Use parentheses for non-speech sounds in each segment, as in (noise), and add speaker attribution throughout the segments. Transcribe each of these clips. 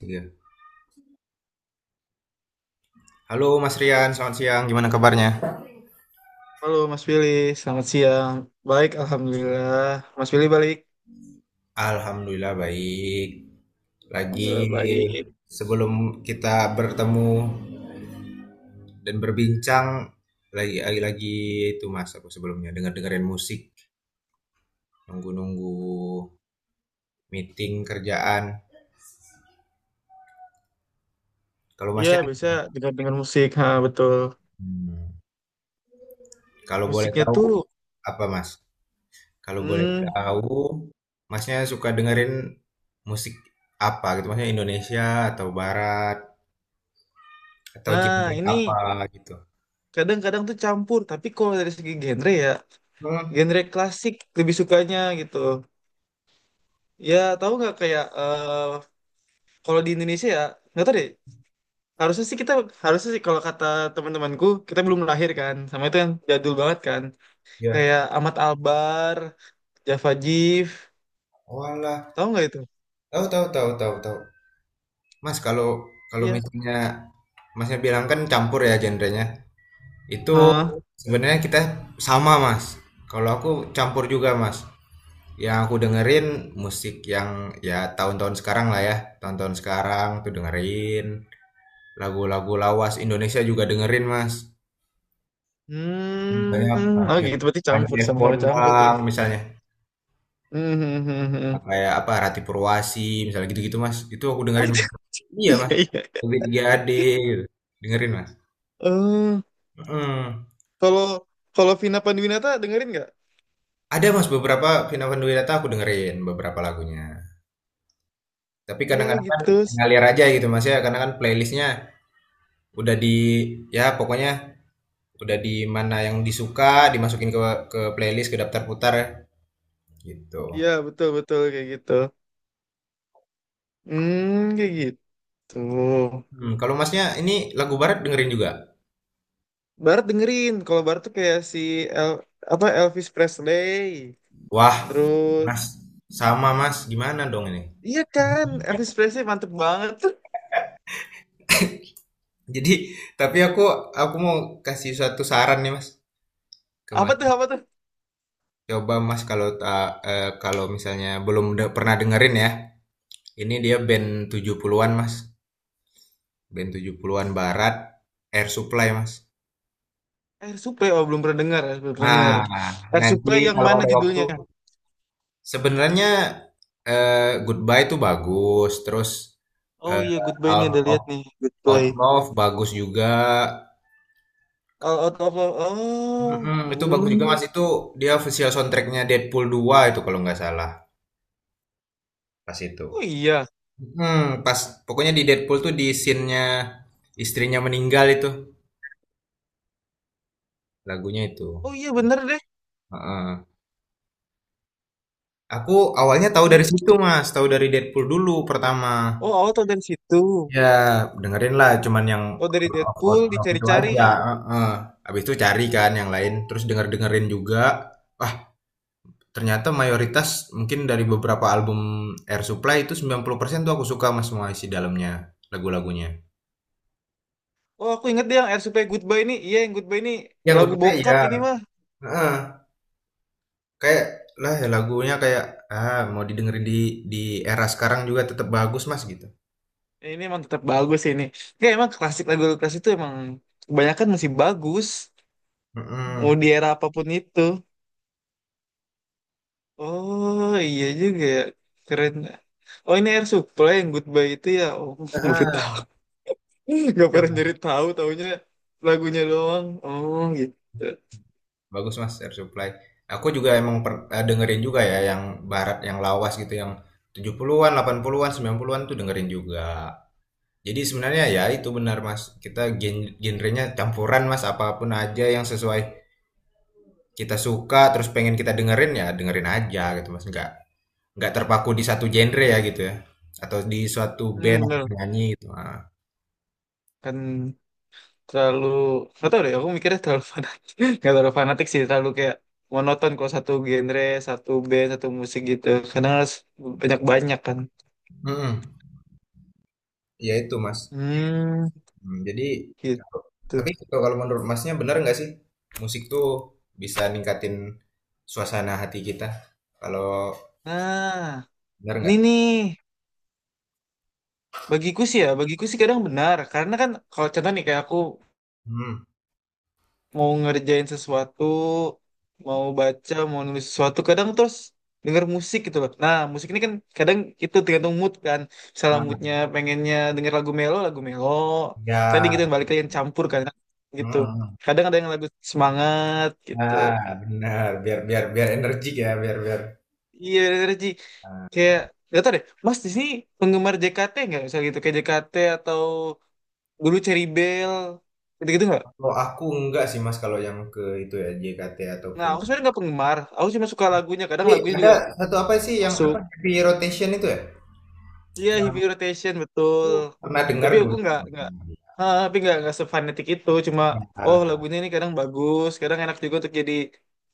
Speaker 1: Iya. Halo Mas Rian, selamat siang. Gimana kabarnya?
Speaker 2: Halo Mas Willy, selamat siang. Baik, Alhamdulillah. Mas Willy balik.
Speaker 1: Alhamdulillah baik. Lagi
Speaker 2: Alhamdulillah baik.
Speaker 1: sebelum kita bertemu dan berbincang lagi, itu Mas aku sebelumnya dengar-dengerin musik, nunggu-nunggu meeting kerjaan. Kalau
Speaker 2: Iya,
Speaker 1: Masnya.
Speaker 2: bisa dengar-dengar musik. Ha, betul.
Speaker 1: Hmm. Kalau boleh
Speaker 2: Musiknya
Speaker 1: tahu
Speaker 2: tuh,
Speaker 1: apa Mas? Kalau boleh
Speaker 2: hmm,
Speaker 1: tahu Masnya suka dengerin musik apa gitu, Masnya Indonesia atau barat? Atau
Speaker 2: nah
Speaker 1: genre
Speaker 2: ini
Speaker 1: apa gitu?
Speaker 2: kadang-kadang tuh campur. Tapi kalau dari segi genre ya,
Speaker 1: Hmm,
Speaker 2: genre klasik lebih sukanya gitu. Ya, tahu nggak kayak kalau di Indonesia ya, nggak tahu deh. Harusnya sih kita, harusnya sih kalau kata teman-temanku, kita belum lahir kan. Sama itu yang jadul banget kan.
Speaker 1: ya.
Speaker 2: Kayak Ahmad Albar, Java Jive.
Speaker 1: Walah,
Speaker 2: Tahu nggak itu?
Speaker 1: tahu tahu tahu tahu tahu. Mas kalau kalau
Speaker 2: Iya.
Speaker 1: misalnya Masnya bilang kan campur ya genrenya. Itu
Speaker 2: Ah,
Speaker 1: sebenarnya kita sama Mas. Kalau aku campur juga Mas. Yang aku dengerin musik yang ya tahun-tahun sekarang lah ya. Tahun-tahun sekarang tuh dengerin. Lagu-lagu lawas Indonesia juga dengerin Mas. Misalnya
Speaker 2: hmm, oh
Speaker 1: Panji
Speaker 2: gitu berarti
Speaker 1: Panji
Speaker 2: campur
Speaker 1: F.
Speaker 2: sama-sama campur gitu.
Speaker 1: Bondang misalnya.
Speaker 2: Hmm, hmm, hmm, hmm.
Speaker 1: Kayak apa Rati Purwasi misalnya, gitu-gitu Mas, itu aku dengerin Mas.
Speaker 2: (laughs)
Speaker 1: Iya
Speaker 2: Iya,
Speaker 1: Mas,
Speaker 2: iya.
Speaker 1: lebih 3AD gitu. Dengerin Mas.
Speaker 2: Eh,
Speaker 1: Mm.
Speaker 2: kalau kalau Vina Panduwinata dengerin nggak?
Speaker 1: Ada Mas beberapa Vina Panduwinata, aku dengerin beberapa lagunya, tapi
Speaker 2: Iya
Speaker 1: kadang-kadang kan
Speaker 2: gitu.
Speaker 1: ngalir aja gitu Mas ya, karena kan playlistnya udah di, ya pokoknya udah di mana yang disuka dimasukin ke playlist, ke daftar putar gitu.
Speaker 2: Iya betul betul kayak gitu. Hmm, kayak gitu.
Speaker 1: Hmm, kalau Masnya ini lagu barat dengerin juga?
Speaker 2: Barat dengerin. Kalau Barat tuh kayak si El, apa Elvis Presley.
Speaker 1: Wah
Speaker 2: Terus,
Speaker 1: Mas, sama Mas, gimana dong ini?
Speaker 2: iya kan, Elvis Presley mantep banget tuh.
Speaker 1: Jadi, tapi aku mau kasih suatu saran nih Mas. Ke
Speaker 2: Apa
Speaker 1: Mas.
Speaker 2: tuh apa tuh?
Speaker 1: Coba Mas, kalau kalau misalnya belum pernah dengerin ya. Ini dia band 70-an Mas. Band 70-an barat, Air Supply Mas.
Speaker 2: Air Supply, oh belum pernah dengar, belum pernah dengar.
Speaker 1: Nah,
Speaker 2: Air
Speaker 1: nanti
Speaker 2: Supply yang
Speaker 1: kalau
Speaker 2: mana
Speaker 1: ada waktu
Speaker 2: judulnya?
Speaker 1: sebenarnya, eh, Goodbye itu bagus, terus,
Speaker 2: Oh
Speaker 1: eh,
Speaker 2: iya, Goodbye ini
Speaker 1: Out
Speaker 2: ada
Speaker 1: of
Speaker 2: lihat nih,
Speaker 1: Out
Speaker 2: Goodbye.
Speaker 1: Love bagus juga.
Speaker 2: All out of love. Oh,
Speaker 1: Mm-mm, itu bagus juga
Speaker 2: hmm.
Speaker 1: Mas. Itu dia official soundtracknya Deadpool 2 itu kalau nggak salah, pas itu.
Speaker 2: Oh iya,
Speaker 1: Mhm, pas pokoknya di Deadpool tuh di scene-nya istrinya meninggal itu, lagunya itu.
Speaker 2: oh iya bener deh.
Speaker 1: Heeh. Aku awalnya tahu dari
Speaker 2: Jadi,
Speaker 1: situ, Mas, tahu dari Deadpool dulu pertama.
Speaker 2: oh awal tau dari situ.
Speaker 1: Ya, dengerin lah cuman yang
Speaker 2: Oh dari
Speaker 1: Lord of
Speaker 2: Deadpool
Speaker 1: Oslo itu aja,
Speaker 2: dicari-cari.
Speaker 1: heeh. Habis itu cari kan yang lain, terus denger-dengerin juga. Wah, ternyata mayoritas mungkin dari beberapa album Air Supply itu 90% tuh aku suka, Mas, semua isi dalamnya, lagu-lagunya.
Speaker 2: Oh aku inget deh yang Air Supply Goodbye ini. Iya yang Goodbye ini
Speaker 1: Yang
Speaker 2: lagu
Speaker 1: kedua
Speaker 2: bokap
Speaker 1: ya,
Speaker 2: ini mah.
Speaker 1: heeh. Kayak, lah ya lagunya kayak, ah mau didengerin di di era sekarang juga tetap bagus Mas, gitu.
Speaker 2: Ya, Ini emang tetap bagus sih ini. Ya emang klasik lagu klasik itu emang kebanyakan masih bagus. Mau di
Speaker 1: Mhm.
Speaker 2: era apapun itu. Oh iya juga ya. Keren. Oh ini Air Supply yang Goodbye itu ya. Oh (laughs) baru tahu.
Speaker 1: Heeh,
Speaker 2: (laughs) Gak
Speaker 1: iya,
Speaker 2: pernah nyari tahu taunya lagunya doang. Oh gitu.
Speaker 1: bagus Mas, Air Supply. Aku juga emang dengerin juga ya yang barat, yang lawas gitu, yang 70-an, 80-an, 90-an tuh dengerin juga. Jadi sebenarnya ya itu benar Mas, kita genrenya campuran Mas, apapun aja yang sesuai kita suka, terus pengen kita dengerin, ya dengerin aja gitu Mas, nggak terpaku di satu genre ya gitu ya? Atau di suatu
Speaker 2: Hmm,
Speaker 1: band atau
Speaker 2: bener.
Speaker 1: penyanyi gitu, heeh.
Speaker 2: Kan terlalu nggak tahu deh. Aku mikirnya terlalu fanatik. (laughs) Gak terlalu fanatik sih. Terlalu kayak monoton kalau satu genre, satu band, satu musik gitu. Karena harus banyak-banyak kan.
Speaker 1: Mhm, iya itu Mas,
Speaker 2: Hmm,
Speaker 1: jadi kalau,
Speaker 2: gitu.
Speaker 1: tapi kalau kalau menurut Masnya benar nggak sih, musik tuh bisa ningkatin suasana hati kita? Kalau
Speaker 2: Nah,
Speaker 1: benar
Speaker 2: ini
Speaker 1: nggak?
Speaker 2: nih. Bagiku sih ya, bagiku sih kadang benar. Karena kan kalau contoh nih kayak aku
Speaker 1: hmm
Speaker 2: mau ngerjain sesuatu, mau baca, mau nulis sesuatu, kadang terus denger musik gitu loh. Nah, musik ini kan kadang itu tergantung mood kan. Misalnya
Speaker 1: ah,
Speaker 2: moodnya pengennya denger lagu melo, lagu melo.
Speaker 1: iya,
Speaker 2: Tadi gitu yang balik lagi yang campur kan
Speaker 1: mhm,
Speaker 2: gitu.
Speaker 1: mhm,
Speaker 2: Kadang ada yang lagu semangat gitu.
Speaker 1: nah, biar biar biar energik ya, biar biar
Speaker 2: Iya, bener Ji.
Speaker 1: Ah,
Speaker 2: Kayak gak tau deh, Mas di sini penggemar JKT nggak? Misalnya gitu, kayak JKT atau dulu Cherry Bell, gitu-gitu nggak?
Speaker 1: kalau aku enggak sih Mas, kalau yang ke itu ya, JKT
Speaker 2: Nah,
Speaker 1: ataupun,
Speaker 2: aku sebenarnya nggak penggemar. Aku cuma suka lagunya. Kadang
Speaker 1: tapi
Speaker 2: lagunya
Speaker 1: ada
Speaker 2: juga
Speaker 1: satu apa sih yang
Speaker 2: masuk.
Speaker 1: apa, Happy Rotation itu ya?
Speaker 2: Iya, heavy
Speaker 1: Yang
Speaker 2: rotation
Speaker 1: aku
Speaker 2: betul.
Speaker 1: pernah dengar
Speaker 2: Tapi aku
Speaker 1: dulu.
Speaker 2: nggak, ah, tapi nggak sefanatik itu. Cuma, oh
Speaker 1: Ya,
Speaker 2: lagunya ini kadang bagus, kadang enak juga untuk jadi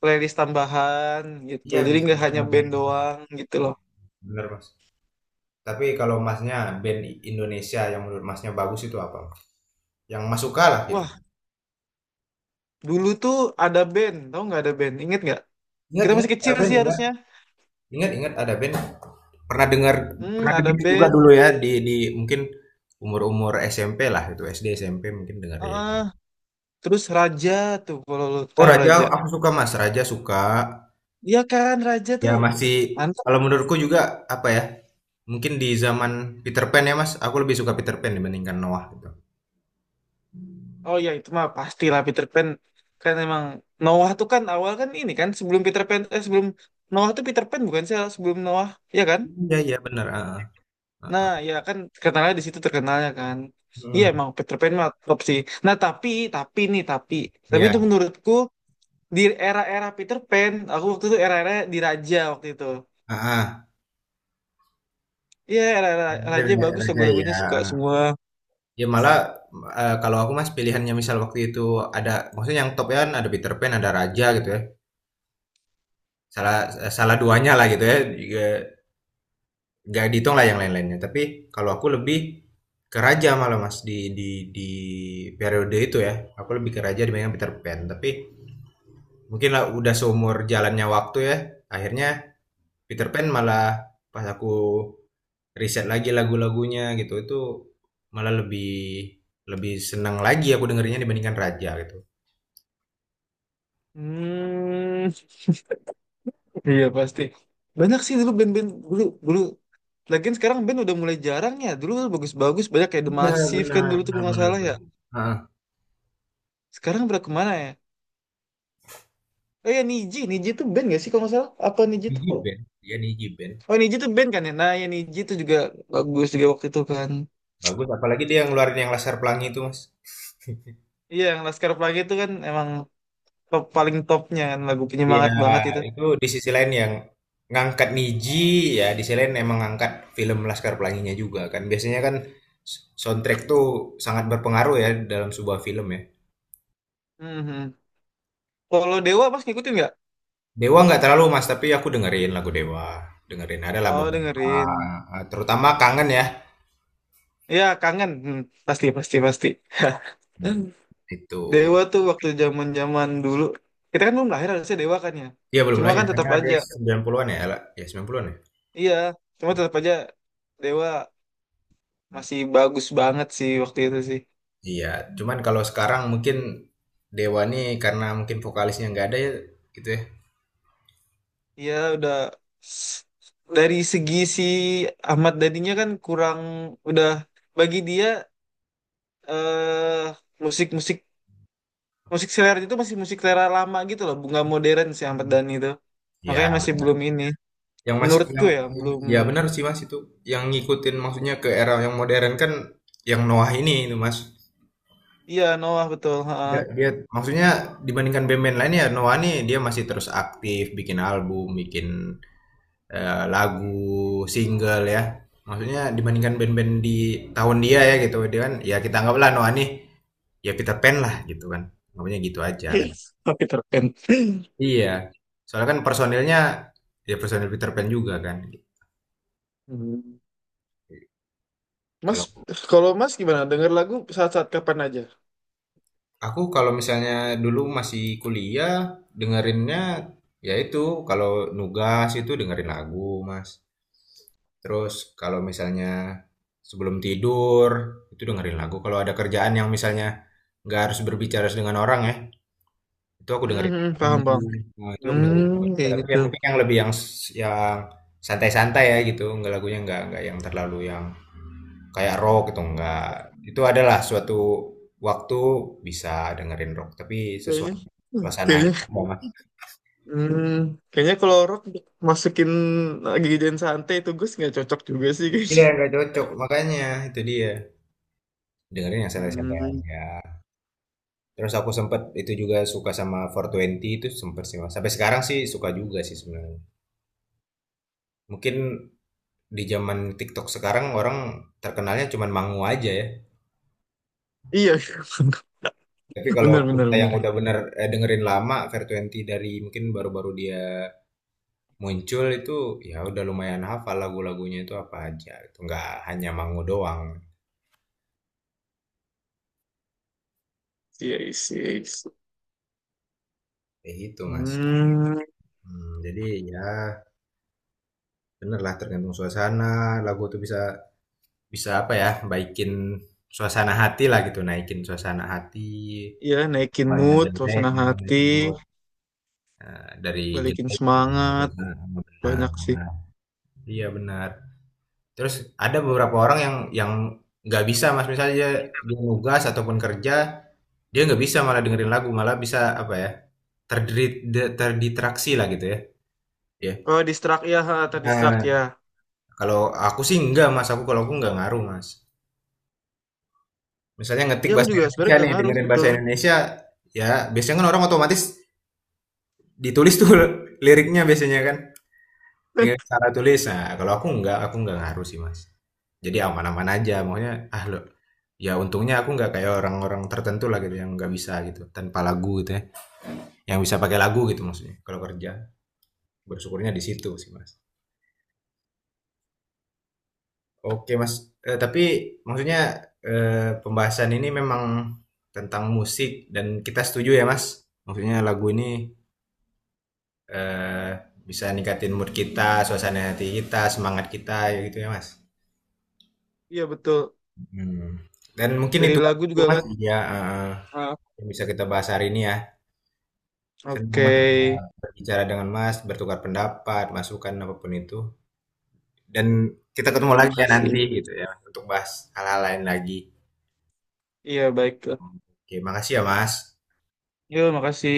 Speaker 2: playlist tambahan gitu.
Speaker 1: iya
Speaker 2: Jadi
Speaker 1: bisa.
Speaker 2: nggak hanya
Speaker 1: Benar, benar,
Speaker 2: band
Speaker 1: benar.
Speaker 2: doang gitu loh.
Speaker 1: Mas. Tapi kalau Masnya band Indonesia yang menurut Masnya bagus itu apa? Yang Mas suka lah gitu.
Speaker 2: Wah, dulu tuh ada band, tau nggak ada band? Ingat nggak?
Speaker 1: Ingat,
Speaker 2: Kita
Speaker 1: ingat
Speaker 2: masih
Speaker 1: Ada
Speaker 2: kecil
Speaker 1: Band,
Speaker 2: sih
Speaker 1: ingat.
Speaker 2: harusnya.
Speaker 1: Ingat, ingat Ada Band. Pernah dengar,
Speaker 2: Hmm,
Speaker 1: pernah
Speaker 2: ada
Speaker 1: dengar juga dulu
Speaker 2: band.
Speaker 1: ya di mungkin umur-umur SMP lah, itu SD SMP mungkin dengar ya.
Speaker 2: Ah, terus Raja tuh, kalau lo
Speaker 1: Oh
Speaker 2: tahu
Speaker 1: Raja,
Speaker 2: Raja.
Speaker 1: aku suka Mas. Raja suka.
Speaker 2: Iya kan, Raja
Speaker 1: Ya
Speaker 2: tuh.
Speaker 1: masih, kalau menurutku juga apa ya? Mungkin di zaman Peter Pan ya Mas, aku lebih suka Peter Pan dibandingkan Noah gitu.
Speaker 2: Oh ya itu mah pastilah Peter Pan kan emang Noah tuh kan awal kan ini kan sebelum Peter Pan sebelum Noah tuh Peter Pan bukan sih sebelum Noah ya kan?
Speaker 1: Iya, iya benar. Heeh.
Speaker 2: Nah ya kan terkenalnya di situ terkenalnya kan. Iya
Speaker 1: Hmm,
Speaker 2: emang Peter Pan mah top sih. Nah tapi nih tapi
Speaker 1: ya,
Speaker 2: itu menurutku di era-era Peter Pan aku waktu itu era-era di Raja waktu itu.
Speaker 1: ah,
Speaker 2: Iya era-era Raja bagus
Speaker 1: Raja
Speaker 2: lagu-lagunya
Speaker 1: ya.
Speaker 2: suka semua.
Speaker 1: Ya malah kalau aku Mas pilihannya misal waktu itu ada, maksudnya yang top ya kan ada Peter Pan, ada Raja gitu ya. Salah salah duanya lah gitu ya. Juga nggak dihitung lah yang lain-lainnya. Tapi kalau aku lebih ke Raja malah Mas, di di periode itu ya. Aku lebih ke Raja dibandingkan Peter Pan. Tapi mungkin lah udah seumur jalannya waktu ya, akhirnya Peter Pan malah, pas aku riset lagi lagu-lagunya gitu, itu malah lebih lebih senang lagi aku dengerinnya dibandingkan Raja gitu.
Speaker 2: Hmm. Iya pasti. Banyak sih dulu band-band dulu dulu. Lagian sekarang band udah mulai jarang ya. Dulu bagus-bagus banyak kayak The
Speaker 1: Iya
Speaker 2: Massive kan
Speaker 1: benar
Speaker 2: dulu tuh
Speaker 1: benar
Speaker 2: kalau nggak
Speaker 1: benar
Speaker 2: salah ya.
Speaker 1: benar. Heeh.
Speaker 2: Sekarang udah kemana ya? Oh ya Niji, Niji tuh band gak sih kalau nggak salah? Apa Niji
Speaker 1: Niji
Speaker 2: tuh?
Speaker 1: Band, dia Niji Band
Speaker 2: Oh Niji tuh band kan ya. Nah ya Niji tuh juga bagus juga waktu itu kan.
Speaker 1: bagus, apalagi dia yang ngeluarin yang Laskar Pelangi itu Mas.
Speaker 2: Iya yang Laskar Pelangi itu kan emang top paling topnya kan lagu
Speaker 1: Iya,
Speaker 2: penyemangat banget itu.
Speaker 1: itu di sisi lain yang ngangkat Niji, ya di sisi lain emang ngangkat film Laskar Pelanginya juga kan. Biasanya kan soundtrack tuh sangat berpengaruh ya dalam sebuah film ya.
Speaker 2: Mhm. Kalau Dewa mas ngikutin nggak?
Speaker 1: Dewa nggak terlalu Mas, tapi aku dengerin lagu Dewa. Dengerin adalah
Speaker 2: Oh
Speaker 1: beberapa,
Speaker 2: dengerin.
Speaker 1: terutama Kangen ya.
Speaker 2: Ya kangen. Hmm, pasti pasti pasti.
Speaker 1: Hmm, itu.
Speaker 2: Dewa tuh waktu zaman zaman dulu kita kan belum lahir harusnya Dewa kan ya
Speaker 1: Iya belum
Speaker 2: cuma
Speaker 1: nanya,
Speaker 2: kan
Speaker 1: karena
Speaker 2: tetap
Speaker 1: ada
Speaker 2: aja
Speaker 1: 90-an ya, Ella? Ya 90-an ya.
Speaker 2: iya cuma tetap aja Dewa masih bagus banget sih waktu itu sih
Speaker 1: Iya, cuman kalau sekarang mungkin Dewa nih karena mungkin vokalisnya nggak ada ya gitu ya.
Speaker 2: iya udah s- dari segi si Ahmad Dhaninya kan kurang udah bagi dia eh musik-musik musik selera itu masih musik selera lama gitu loh bunga modern si Ahmad Dhani itu makanya
Speaker 1: Ya,
Speaker 2: masih belum ini
Speaker 1: yang masih
Speaker 2: menurutku
Speaker 1: yang
Speaker 2: ya
Speaker 1: yang
Speaker 2: belum
Speaker 1: ya benar sih, Mas, itu. Yang ngikutin maksudnya ke era yang modern kan yang Noah ini itu, Mas.
Speaker 2: iya Noah betul ha.
Speaker 1: Dia dia maksudnya dibandingkan band-band lain ya, Noah nih dia masih terus aktif bikin album, bikin lagu, single ya. Maksudnya dibandingkan band-band di tahun dia ya gitu. Dia kan ya kita anggaplah Noah nih ya Peter Pan lah gitu kan. Namanya gitu aja kan.
Speaker 2: (laughs) Oke, terpen.
Speaker 1: Iya. Soalnya kan personilnya ya personil Peter Pan juga kan.
Speaker 2: Hmm. Mas,
Speaker 1: Kalau
Speaker 2: kalau Mas gimana? Dengar lagu saat-saat kapan aja?
Speaker 1: Aku kalau misalnya dulu masih kuliah, dengerinnya ya itu, kalau nugas itu dengerin lagu, Mas. Terus kalau misalnya sebelum tidur itu dengerin lagu. Kalau ada kerjaan yang misalnya nggak harus berbicara dengan orang ya, itu aku dengerin
Speaker 2: Hmm,
Speaker 1: lagu.
Speaker 2: paham, bang.
Speaker 1: Nah, itu aku dengerin lagu.
Speaker 2: Hmm, kayak
Speaker 1: Tapi
Speaker 2: gitu.
Speaker 1: yang mungkin yang lebih yang santai-santai ya gitu, nggak lagunya nggak yang terlalu yang kayak rock gitu enggak. Itu adalah suatu waktu bisa dengerin rock, tapi sesuai
Speaker 2: Kayaknya, hmm,
Speaker 1: suasananya
Speaker 2: kayaknya,
Speaker 1: enggak, Mas.
Speaker 2: hmm, kayaknya kalau rock masukin lagi dan santai itu Gus nggak cocok juga sih kayaknya.
Speaker 1: Iya, enggak cocok. Makanya itu dia. Dengerin yang santai-santai
Speaker 2: Hmm,
Speaker 1: aja. Terus aku sempet itu juga suka sama Four Twenty itu, sempet sih, Mas. Sampai sekarang sih suka juga sih sebenarnya. Mungkin di zaman TikTok sekarang orang terkenalnya cuman Mangu aja ya.
Speaker 2: iya, (laughs)
Speaker 1: Tapi kalau
Speaker 2: benar, benar,
Speaker 1: kita yang
Speaker 2: benar.
Speaker 1: udah bener, dengerin lama, Fair Twenty dari mungkin baru-baru dia muncul itu, ya udah lumayan hafal lagu-lagunya itu apa aja, itu nggak hanya Mangu doang,
Speaker 2: Iya, iya, iya.
Speaker 1: kayak gitu Mas.
Speaker 2: Hmm,
Speaker 1: Hmm, jadi ya bener lah tergantung suasana, lagu tuh bisa bisa apa ya, baikin suasana hati lah gitu, naikin suasana hati.
Speaker 2: iya, naikin
Speaker 1: Banyak
Speaker 2: mood,
Speaker 1: jelek
Speaker 2: suasana
Speaker 1: gitu
Speaker 2: hati,
Speaker 1: itu, dari
Speaker 2: balikin
Speaker 1: jelek ke bagus.
Speaker 2: semangat,
Speaker 1: Nah,
Speaker 2: banyak sih.
Speaker 1: nah, iya benar. Terus ada beberapa orang yang nggak bisa Mas, misalnya dia nugas ataupun kerja. Dia nggak bisa malah dengerin lagu, malah bisa apa ya, terdistraksi lah gitu ya. Ya.
Speaker 2: Oh, distract ya, ha, tadi
Speaker 1: Nah,
Speaker 2: distract ya.
Speaker 1: kalau aku sih enggak Mas, kalau aku nggak ngaruh Mas. Misalnya ngetik
Speaker 2: Iya, aku
Speaker 1: bahasa
Speaker 2: juga
Speaker 1: Indonesia
Speaker 2: sebenarnya
Speaker 1: nih,
Speaker 2: gak ngaruh,
Speaker 1: dengerin bahasa
Speaker 2: betul.
Speaker 1: Indonesia, ya biasanya kan orang otomatis ditulis tuh (laughs) liriknya biasanya kan, dengan
Speaker 2: (laughs)
Speaker 1: cara tulis. Nah, kalau aku nggak ngaruh sih Mas. Jadi aman-aman aja, maunya ah lo, ya untungnya aku nggak kayak orang-orang tertentu lah gitu yang nggak bisa gitu, tanpa lagu gitu ya, yang bisa pakai lagu gitu maksudnya, kalau kerja. Bersyukurnya di situ sih Mas. Oke Mas, tapi maksudnya, pembahasan ini memang tentang musik dan kita setuju ya Mas, maksudnya lagu ini, eee, bisa ningkatin mood kita, suasana hati kita, semangat kita, ya gitu ya Mas?
Speaker 2: Iya betul.
Speaker 1: Hmm. Dan mungkin
Speaker 2: Dari
Speaker 1: itu
Speaker 2: lagu juga
Speaker 1: Mas
Speaker 2: kan.
Speaker 1: ya, heeh,
Speaker 2: Ah,
Speaker 1: yang bisa kita bahas hari ini ya. Senang
Speaker 2: oke.
Speaker 1: Mas berbicara dengan Mas, bertukar pendapat, masukan, apapun itu, dan kita
Speaker 2: Ya,
Speaker 1: ketemu
Speaker 2: terima
Speaker 1: lagi ya
Speaker 2: kasih.
Speaker 1: nanti gitu ya untuk bahas hal-hal lain lagi.
Speaker 2: Iya baik.
Speaker 1: Oke, makasih ya, Mas.
Speaker 2: Yuk, makasih.